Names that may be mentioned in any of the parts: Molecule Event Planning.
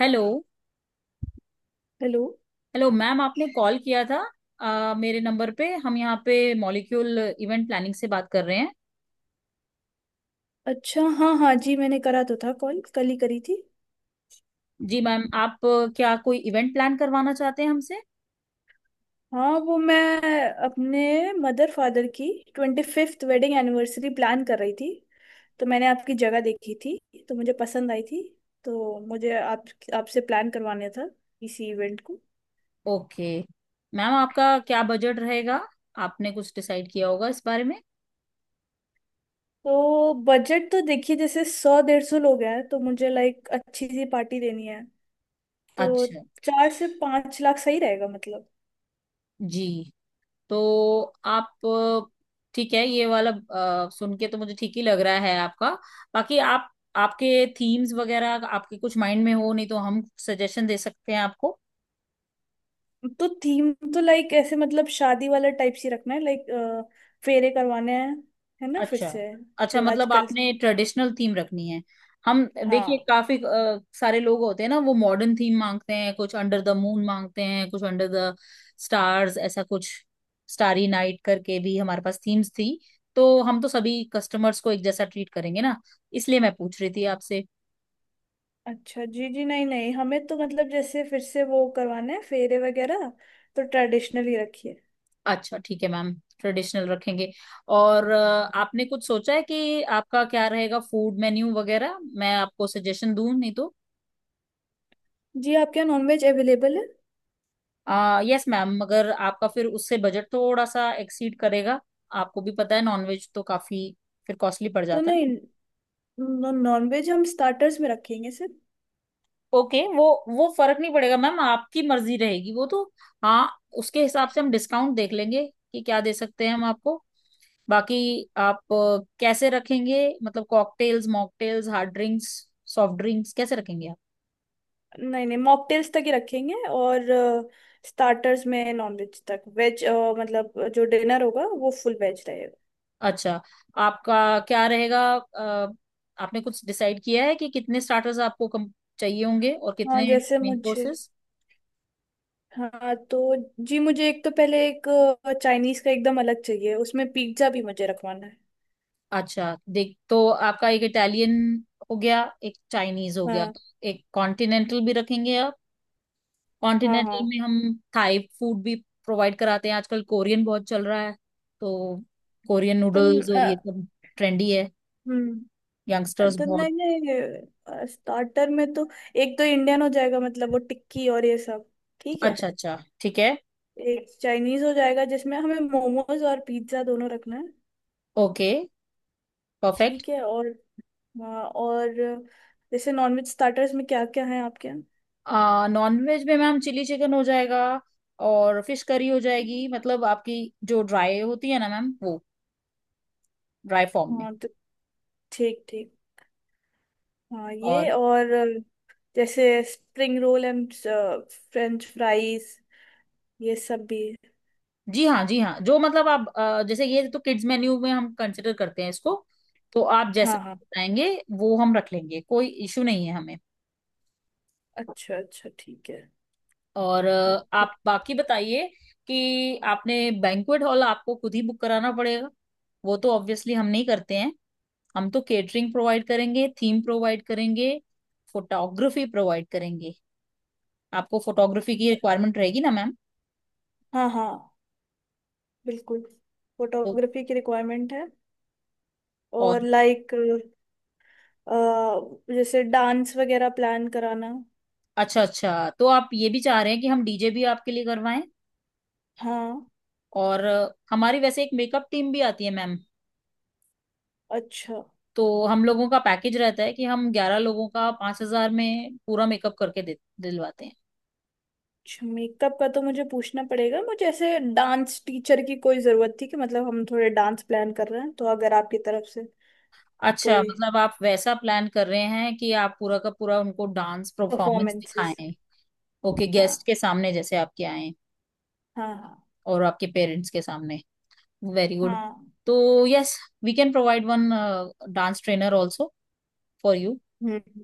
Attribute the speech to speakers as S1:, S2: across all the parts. S1: Hello.
S2: Hello.
S1: Hello ma'am, आपने call किया था। मेरे नंबर पे हम यहाँ पे मॉलिक्यूल इवेंट प्लानिंग से बात कर रहे हैं।
S2: अच्छा, हाँ हाँ जी, मैंने करा तो था, कॉल कल ही करी थी।
S1: जी मैम, आप क्या कोई इवेंट प्लान करवाना चाहते हैं हमसे?
S2: हाँ वो, मैं अपने मदर फादर की 25th वेडिंग एनिवर्सरी प्लान कर रही थी। तो मैंने आपकी जगह देखी थी, तो मुझे पसंद आई थी। तो मुझे आप आपसे प्लान करवाने था इसी इवेंट को।
S1: ओके। मैम, आपका क्या बजट रहेगा? आपने कुछ डिसाइड किया होगा इस बारे में?
S2: तो बजट तो देखिए, जैसे 100 150 लोग हैं तो मुझे लाइक अच्छी सी पार्टी देनी है। तो
S1: अच्छा
S2: 4 से 5 लाख सही रहेगा मतलब?
S1: जी। तो आप अ, ठीक है, ये वाला सुन के तो मुझे ठीक ही लग रहा है आपका। बाकी आप आपके थीम्स वगैरह आपके कुछ माइंड में हो, नहीं तो हम सजेशन दे सकते हैं आपको।
S2: तो थीम तो लाइक ऐसे मतलब शादी वाला टाइप सी रखना है, लाइक फेरे करवाने हैं, है ना, फिर
S1: अच्छा,
S2: से।
S1: अच्छा
S2: जो
S1: मतलब
S2: आजकल।
S1: आपने ट्रेडिशनल थीम रखनी है। हम देखिए
S2: हाँ।
S1: काफी सारे लोग होते हैं ना, वो मॉडर्न थीम मांगते हैं, कुछ अंडर द मून मांगते हैं, कुछ अंडर द स्टार्स, ऐसा कुछ। स्टारी नाइट करके भी हमारे पास थीम्स थी। तो हम तो सभी कस्टमर्स को एक जैसा ट्रीट करेंगे ना, इसलिए मैं पूछ रही थी आपसे।
S2: अच्छा जी, जी नहीं नहीं, हमें तो मतलब जैसे फिर से वो करवाना है फेरे वगैरह, तो ट्रेडिशनल ही रखिए।
S1: अच्छा ठीक है मैम, ट्रेडिशनल रखेंगे। और आपने कुछ सोचा है कि आपका क्या रहेगा फूड मेन्यू वगैरह, मैं आपको सजेशन दूं नहीं तो?
S2: जी, आपके यहाँ नॉनवेज अवेलेबल है?
S1: यस मैम, मगर आपका फिर उससे बजट थोड़ा सा एक्सीड करेगा। आपको भी पता है नॉनवेज तो काफी फिर कॉस्टली पड़
S2: तो
S1: जाता है।
S2: नहीं, नॉनवेज हम स्टार्टर्स में रखेंगे सिर्फ।
S1: ओके, वो फर्क नहीं पड़ेगा मैम, आपकी मर्जी रहेगी वो तो। हाँ, उसके हिसाब से हम डिस्काउंट देख लेंगे कि क्या दे सकते हैं हम आपको। बाकी आप कैसे रखेंगे, मतलब cocktails, mocktails, hard drinks, soft drinks कैसे रखेंगे?
S2: नहीं नहीं, मॉकटेल्स तक ही रखेंगे, और स्टार्टर्स में नॉनवेज तक, वेज मतलब जो डिनर होगा वो फुल वेज रहेगा।
S1: अच्छा, आपका क्या रहेगा आपने कुछ डिसाइड किया है कि कितने स्टार्टर्स आपको कम चाहिए होंगे और
S2: हाँ
S1: कितने
S2: जैसे
S1: मेन
S2: मुझे,
S1: कोर्सेस?
S2: हाँ तो जी मुझे एक तो पहले, एक चाइनीज का एकदम अलग चाहिए, उसमें पिज्जा भी मुझे रखवाना है।
S1: अच्छा, देख तो आपका एक इटालियन हो गया, एक चाइनीज हो गया,
S2: हाँ
S1: एक कॉन्टिनेंटल भी रखेंगे आप?
S2: हाँ। हाँ।
S1: कॉन्टिनेंटल में हम थाई फूड भी प्रोवाइड कराते हैं। आजकल कोरियन बहुत चल रहा है, तो कोरियन
S2: तो न-
S1: नूडल्स और
S2: अ,
S1: ये सब ट्रेंडी है,
S2: हम्म।
S1: यंगस्टर्स
S2: तो
S1: बहुत।
S2: नहीं नहीं, स्टार्टर में तो एक तो इंडियन हो जाएगा मतलब वो टिक्की और ये सब, ठीक है।
S1: अच्छा अच्छा ठीक है।
S2: एक चाइनीज हो जाएगा जिसमें हमें मोमोज और पिज्जा दोनों रखना है।
S1: Okay perfect.
S2: ठीक है। और हाँ, और जैसे नॉनवेज स्टार्टर्स में क्या क्या है आपके यहाँ?
S1: नॉन वेज में मैम चिली चिकन हो जाएगा और फिश करी हो जाएगी, मतलब आपकी जो ड्राई होती है ना मैम, वो ड्राई फॉर्म में।
S2: हाँ तो ठीक ठीक। हाँ ये,
S1: और
S2: और जैसे spring roll and French fries ये सब भी।
S1: जी हाँ जी हाँ, जो मतलब आप जैसे ये तो किड्स मेन्यू में हम कंसिडर करते हैं इसको, तो आप जैसा
S2: हाँ हाँ।
S1: बताएंगे वो हम रख लेंगे, कोई इशू नहीं है हमें।
S2: अच्छा अच्छा, ठीक है।
S1: और
S2: ओके।
S1: आप बाकी बताइए कि आपने बैंक्वेट हॉल आपको खुद ही बुक कराना पड़ेगा, वो तो ऑब्वियसली हम नहीं करते हैं। हम तो केटरिंग प्रोवाइड करेंगे, थीम प्रोवाइड करेंगे, फोटोग्राफी प्रोवाइड करेंगे। आपको फोटोग्राफी की रिक्वायरमेंट रहेगी ना मैम?
S2: हाँ हाँ, बिल्कुल,
S1: तो
S2: फोटोग्राफी की रिक्वायरमेंट है।
S1: और
S2: और लाइक जैसे डांस वगैरह प्लान कराना।
S1: अच्छा अच्छा, तो आप ये भी चाह रहे हैं कि हम डीजे भी आपके लिए करवाएं।
S2: हाँ।
S1: और हमारी वैसे एक मेकअप टीम भी आती है मैम,
S2: अच्छा।
S1: तो हम लोगों का पैकेज रहता है कि हम 11 लोगों का 5,000 में पूरा मेकअप करके दे दिलवाते हैं।
S2: अच्छा मेकअप का तो मुझे पूछना पड़ेगा, मुझे ऐसे डांस टीचर की कोई ज़रूरत थी, कि मतलब हम थोड़े डांस प्लान कर रहे हैं तो अगर आपकी तरफ से
S1: अच्छा,
S2: कोई
S1: मतलब आप वैसा प्लान कर रहे हैं कि आप पूरा का पूरा उनको डांस परफॉर्मेंस
S2: परफॉर्मेंसेस।
S1: दिखाएं? ओके,
S2: हाँ
S1: गेस्ट के सामने जैसे आपके आए,
S2: हाँ। हाँ
S1: और आपके पेरेंट्स के सामने। Very good.
S2: हाँ।
S1: तो yes, we can provide one dance trainer also for you.
S2: हम्म।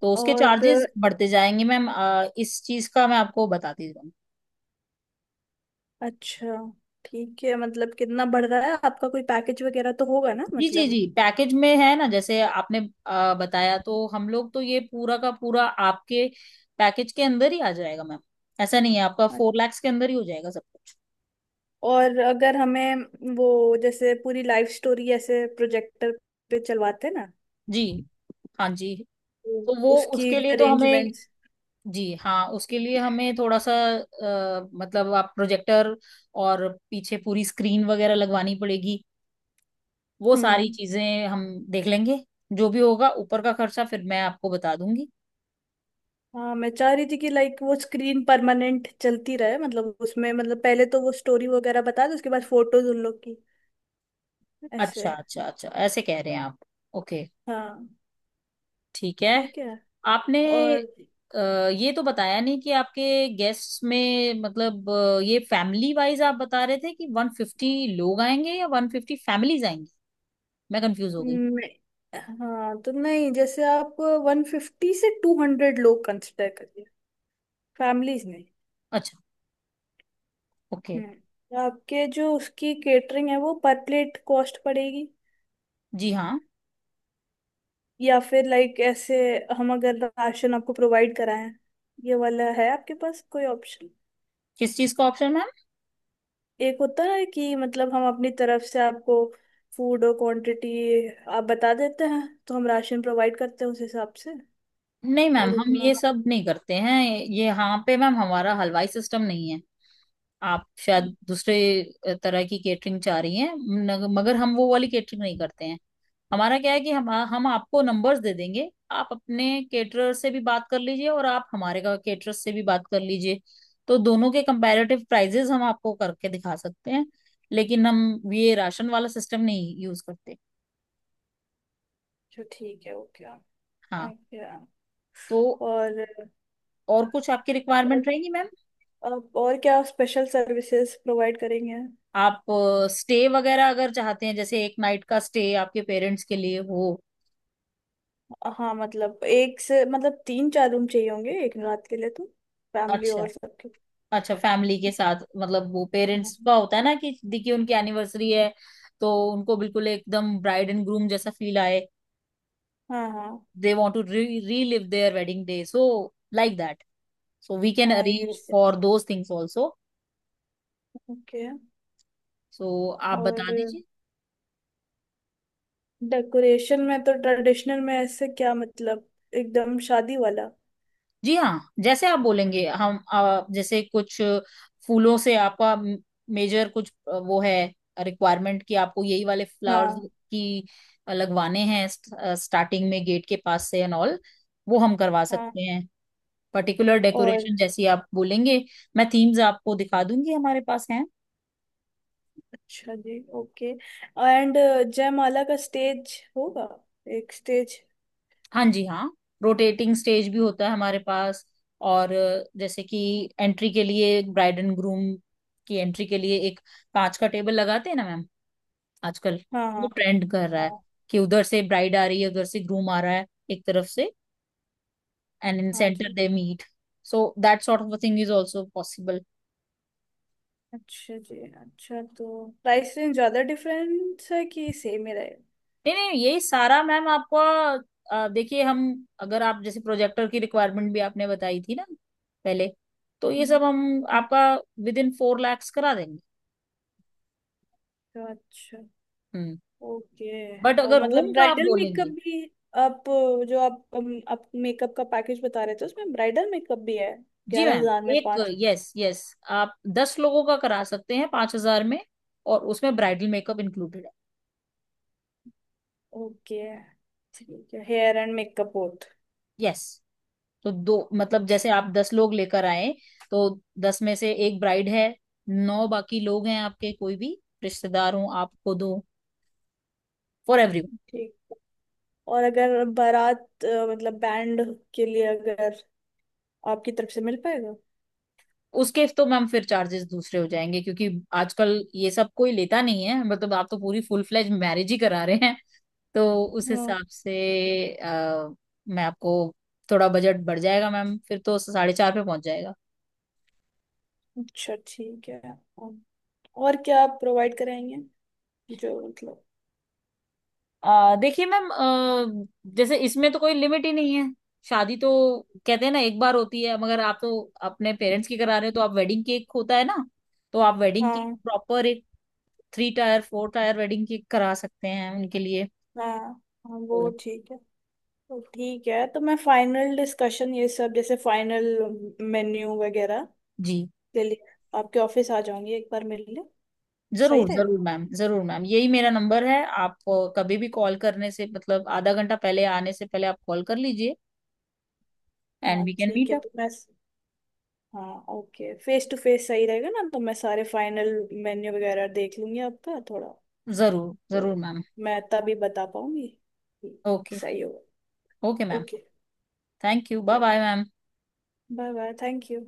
S1: तो उसके चार्जेस
S2: और
S1: बढ़ते जाएंगे मैम, इस चीज का मैं आपको बताती हूँ।
S2: अच्छा ठीक है, मतलब कितना बढ़ रहा है आपका, कोई पैकेज वगैरह तो होगा ना
S1: जी जी
S2: मतलब।
S1: जी, पैकेज में है ना, जैसे आपने बताया, तो हम लोग तो ये पूरा का पूरा आपके पैकेज के अंदर ही आ जाएगा मैम। ऐसा नहीं है, आपका 4 लाख के अंदर ही हो जाएगा सब कुछ।
S2: और अगर हमें वो जैसे पूरी लाइफ स्टोरी ऐसे प्रोजेक्टर पे चलवाते हैं ना।
S1: जी हाँ जी। तो वो
S2: उसकी
S1: उसके
S2: भी
S1: लिए तो हमें,
S2: अरेंजमेंट्स।
S1: जी हाँ उसके लिए हमें थोड़ा सा मतलब आप प्रोजेक्टर और पीछे पूरी स्क्रीन वगैरह लगवानी पड़ेगी। वो सारी
S2: हम्म।
S1: चीजें हम देख लेंगे। जो भी होगा ऊपर का खर्चा फिर मैं आपको बता दूंगी।
S2: हाँ मैं चाह रही थी कि लाइक वो स्क्रीन परमानेंट चलती रहे, मतलब उसमें मतलब पहले तो वो स्टोरी वगैरह बता दो, उसके बाद फोटोज उन लोग की,
S1: अच्छा
S2: ऐसे।
S1: अच्छा अच्छा, ऐसे कह रहे हैं आप। ओके
S2: हाँ।
S1: ठीक है।
S2: ठीक है।
S1: आपने
S2: और
S1: अ, ये तो बताया नहीं कि आपके गेस्ट में मतलब ये फैमिली वाइज आप बता रहे थे कि 150 लोग आएंगे या 150 फैमिलीज आएंगी, मैं कंफ्यूज हो गई।
S2: हाँ तो नहीं जैसे आप 150 से 200 लोग कंसिडर करिए, फैमिलीज नहीं।
S1: अच्छा ओके।
S2: हम्म, तो आपके जो उसकी केटरिंग है वो पर प्लेट कॉस्ट पड़ेगी
S1: जी हाँ।
S2: या फिर लाइक ऐसे हम अगर राशन आपको प्रोवाइड कराएं, ये वाला है आपके पास कोई ऑप्शन?
S1: किस चीज का ऑप्शन मैम?
S2: एक होता है कि मतलब हम अपनी तरफ से आपको फूड और क्वांटिटी आप बता देते हैं तो हम राशन प्रोवाइड करते हैं उस हिसाब से,
S1: नहीं मैम,
S2: और
S1: हम
S2: उतना।
S1: ये सब नहीं करते हैं। ये यहाँ पे मैम हमारा हलवाई सिस्टम नहीं है। आप शायद दूसरे तरह की केटरिंग चाह रही हैं, मगर हम वो वाली केटरिंग नहीं करते हैं। हमारा क्या है कि हम आपको नंबर्स दे देंगे, आप अपने केटरर से भी बात कर लीजिए और आप हमारे का केटरर से भी बात कर लीजिए, तो दोनों के कंपैरेटिव प्राइजेस हम आपको करके दिखा सकते हैं। लेकिन हम ये राशन वाला सिस्टम नहीं यूज करते।
S2: अच्छा ठीक है, ओके।
S1: हाँ।
S2: ओके।
S1: तो
S2: और
S1: और कुछ आपकी
S2: और
S1: रिक्वायरमेंट रहेगी मैम?
S2: अब और क्या स्पेशल सर्विसेज प्रोवाइड करेंगे?
S1: आप स्टे वगैरह अगर चाहते हैं, जैसे एक नाइट का स्टे आपके पेरेंट्स के लिए हो।
S2: हाँ मतलब एक से मतलब तीन चार रूम चाहिए होंगे एक रात के लिए, तो फैमिली
S1: अच्छा,
S2: और सबके।
S1: अच्छा फैमिली के साथ मतलब वो पेरेंट्स का
S2: हाँ
S1: होता है ना कि देखिए उनकी एनिवर्सरी है, तो उनको बिल्कुल एकदम ब्राइड एंड ग्रूम जैसा फील आए।
S2: हाँ। हाँ।
S1: They want to relive their wedding day, so like that, so we can
S2: हाँ, ये
S1: arrange for those things also.
S2: Okay.
S1: So आप बता
S2: और
S1: दीजिए।
S2: डेकोरेशन में तो ट्रेडिशनल में ऐसे क्या मतलब एकदम शादी वाला।
S1: जी हाँ, जैसे आप बोलेंगे हम, जैसे कुछ फूलों से आपका मेजर कुछ वो है रिक्वायरमेंट कि आपको यही वाले फ्लावर्स
S2: हाँ।
S1: की लगवाने हैं, स्टार्टिंग में गेट के पास से एंड ऑल, वो हम करवा
S2: हाँ।
S1: सकते हैं। पर्टिकुलर
S2: और
S1: डेकोरेशन जैसी आप बोलेंगे। मैं थीम्स आपको दिखा दूंगी हमारे पास हैं।
S2: अच्छा जी, ओके। एंड जयमाला का स्टेज होगा, एक स्टेज।
S1: हाँ जी हाँ, रोटेटिंग स्टेज भी होता है हमारे पास। और जैसे कि एंट्री के लिए ब्राइड एंड ग्रूम की एंट्री के लिए एक कांच का टेबल लगाते हैं ना मैम आजकल,
S2: हाँ
S1: वो
S2: हाँ।
S1: ट्रेंड कर रहा है
S2: हाँ।
S1: कि उधर से ब्राइड आ रही है, उधर से ग्रूम आ रहा है एक तरफ से, एंड इन
S2: हाँ
S1: सेंटर
S2: जी।
S1: They meet. So that sort of thing is also possible.
S2: अच्छा जी, अच्छा तो प्राइस रेंज ज्यादा डिफरेंस है कि सेम ही रहेगा?
S1: नहीं नहीं, ये सारा मैम आपको देखिए हम, अगर आप जैसे प्रोजेक्टर की रिक्वायरमेंट भी आपने बताई थी ना पहले, तो ये
S2: हम्म,
S1: सब हम
S2: हम्म।
S1: आपका विद इन 4 लाख करा देंगे।
S2: तो अच्छा,
S1: हम्म।
S2: ओके।
S1: बट
S2: और
S1: अगर
S2: मतलब
S1: रूम का आप
S2: ब्राइडल मेकअप
S1: बोलेंगे।
S2: भी आप, जो आप मेकअप का पैकेज बता रहे थे उसमें ब्राइडल मेकअप भी है,
S1: जी
S2: ग्यारह
S1: मैम,
S2: हजार में
S1: एक,
S2: पाँच?
S1: यस यस, आप 10 लोगों का करा सकते हैं 5,000 में, और उसमें ब्राइडल मेकअप इंक्लूडेड है।
S2: ओके। ठीक है, hair and makeup both.
S1: Yes, तो दो मतलब जैसे आप 10 लोग लेकर आए, तो 10 में से एक ब्राइड है, नौ बाकी लोग हैं आपके, कोई भी रिश्तेदार हो आपको, दो फॉर एवरीवन।
S2: ठीक है। और अगर बारात मतलब बैंड के लिए अगर आपकी तरफ से मिल पाएगा।
S1: उसके तो मैम फिर चार्जेस दूसरे हो जाएंगे, क्योंकि आजकल ये सब कोई लेता नहीं है, मतलब आप तो पूरी फुल फ्लेज मैरिज ही करा रहे हैं, तो उस
S2: हम्म।
S1: हिसाब से अ, मैं आपको, थोड़ा बजट बढ़ जाएगा मैम, फिर तो 4.5 पे पहुंच जाएगा।
S2: अच्छा ठीक है। और और क्या आप प्रोवाइड कराएंगे जो मतलब।
S1: देखिए मैम, जैसे इसमें तो कोई लिमिट ही नहीं है, शादी तो कहते हैं ना एक बार होती है, मगर आप तो अपने पेरेंट्स की करा रहे हो, तो आप वेडिंग केक होता है ना, तो आप वेडिंग केक
S2: हाँ
S1: प्रॉपर एक 3 टायर 4 टायर वेडिंग केक करा सकते हैं उनके लिए।
S2: हाँ। हाँ वो
S1: तो
S2: ठीक है। तो ठीक है, तो मैं फाइनल डिस्कशन ये सब जैसे फाइनल मेन्यू वगैरह
S1: जी
S2: के लिए आपके ऑफिस आ जाऊंगी एक बार मिलने। सही
S1: जरूर
S2: रहेगा।
S1: जरूर मैम, जरूर मैम, यही मेरा नंबर है। आप कभी भी कॉल करने से मतलब आधा घंटा पहले आने से पहले आप कॉल कर लीजिए। एंड
S2: हाँ
S1: वी कैन
S2: ठीक
S1: मीट
S2: है,
S1: अप।
S2: तो मैं हाँ ओके, फेस टू फेस सही रहेगा ना तो मैं सारे फाइनल मेन्यू वगैरह देख लूंगी आपका थोड़ा।
S1: जरूर जरूर
S2: तो
S1: मैम।
S2: मैं तभी बता पाऊंगी। ठीक,
S1: ओके।
S2: सही होगा।
S1: Okay ma'am.
S2: Okay.
S1: Thank you. Bye bye ma'am.
S2: Bye bye, thank you.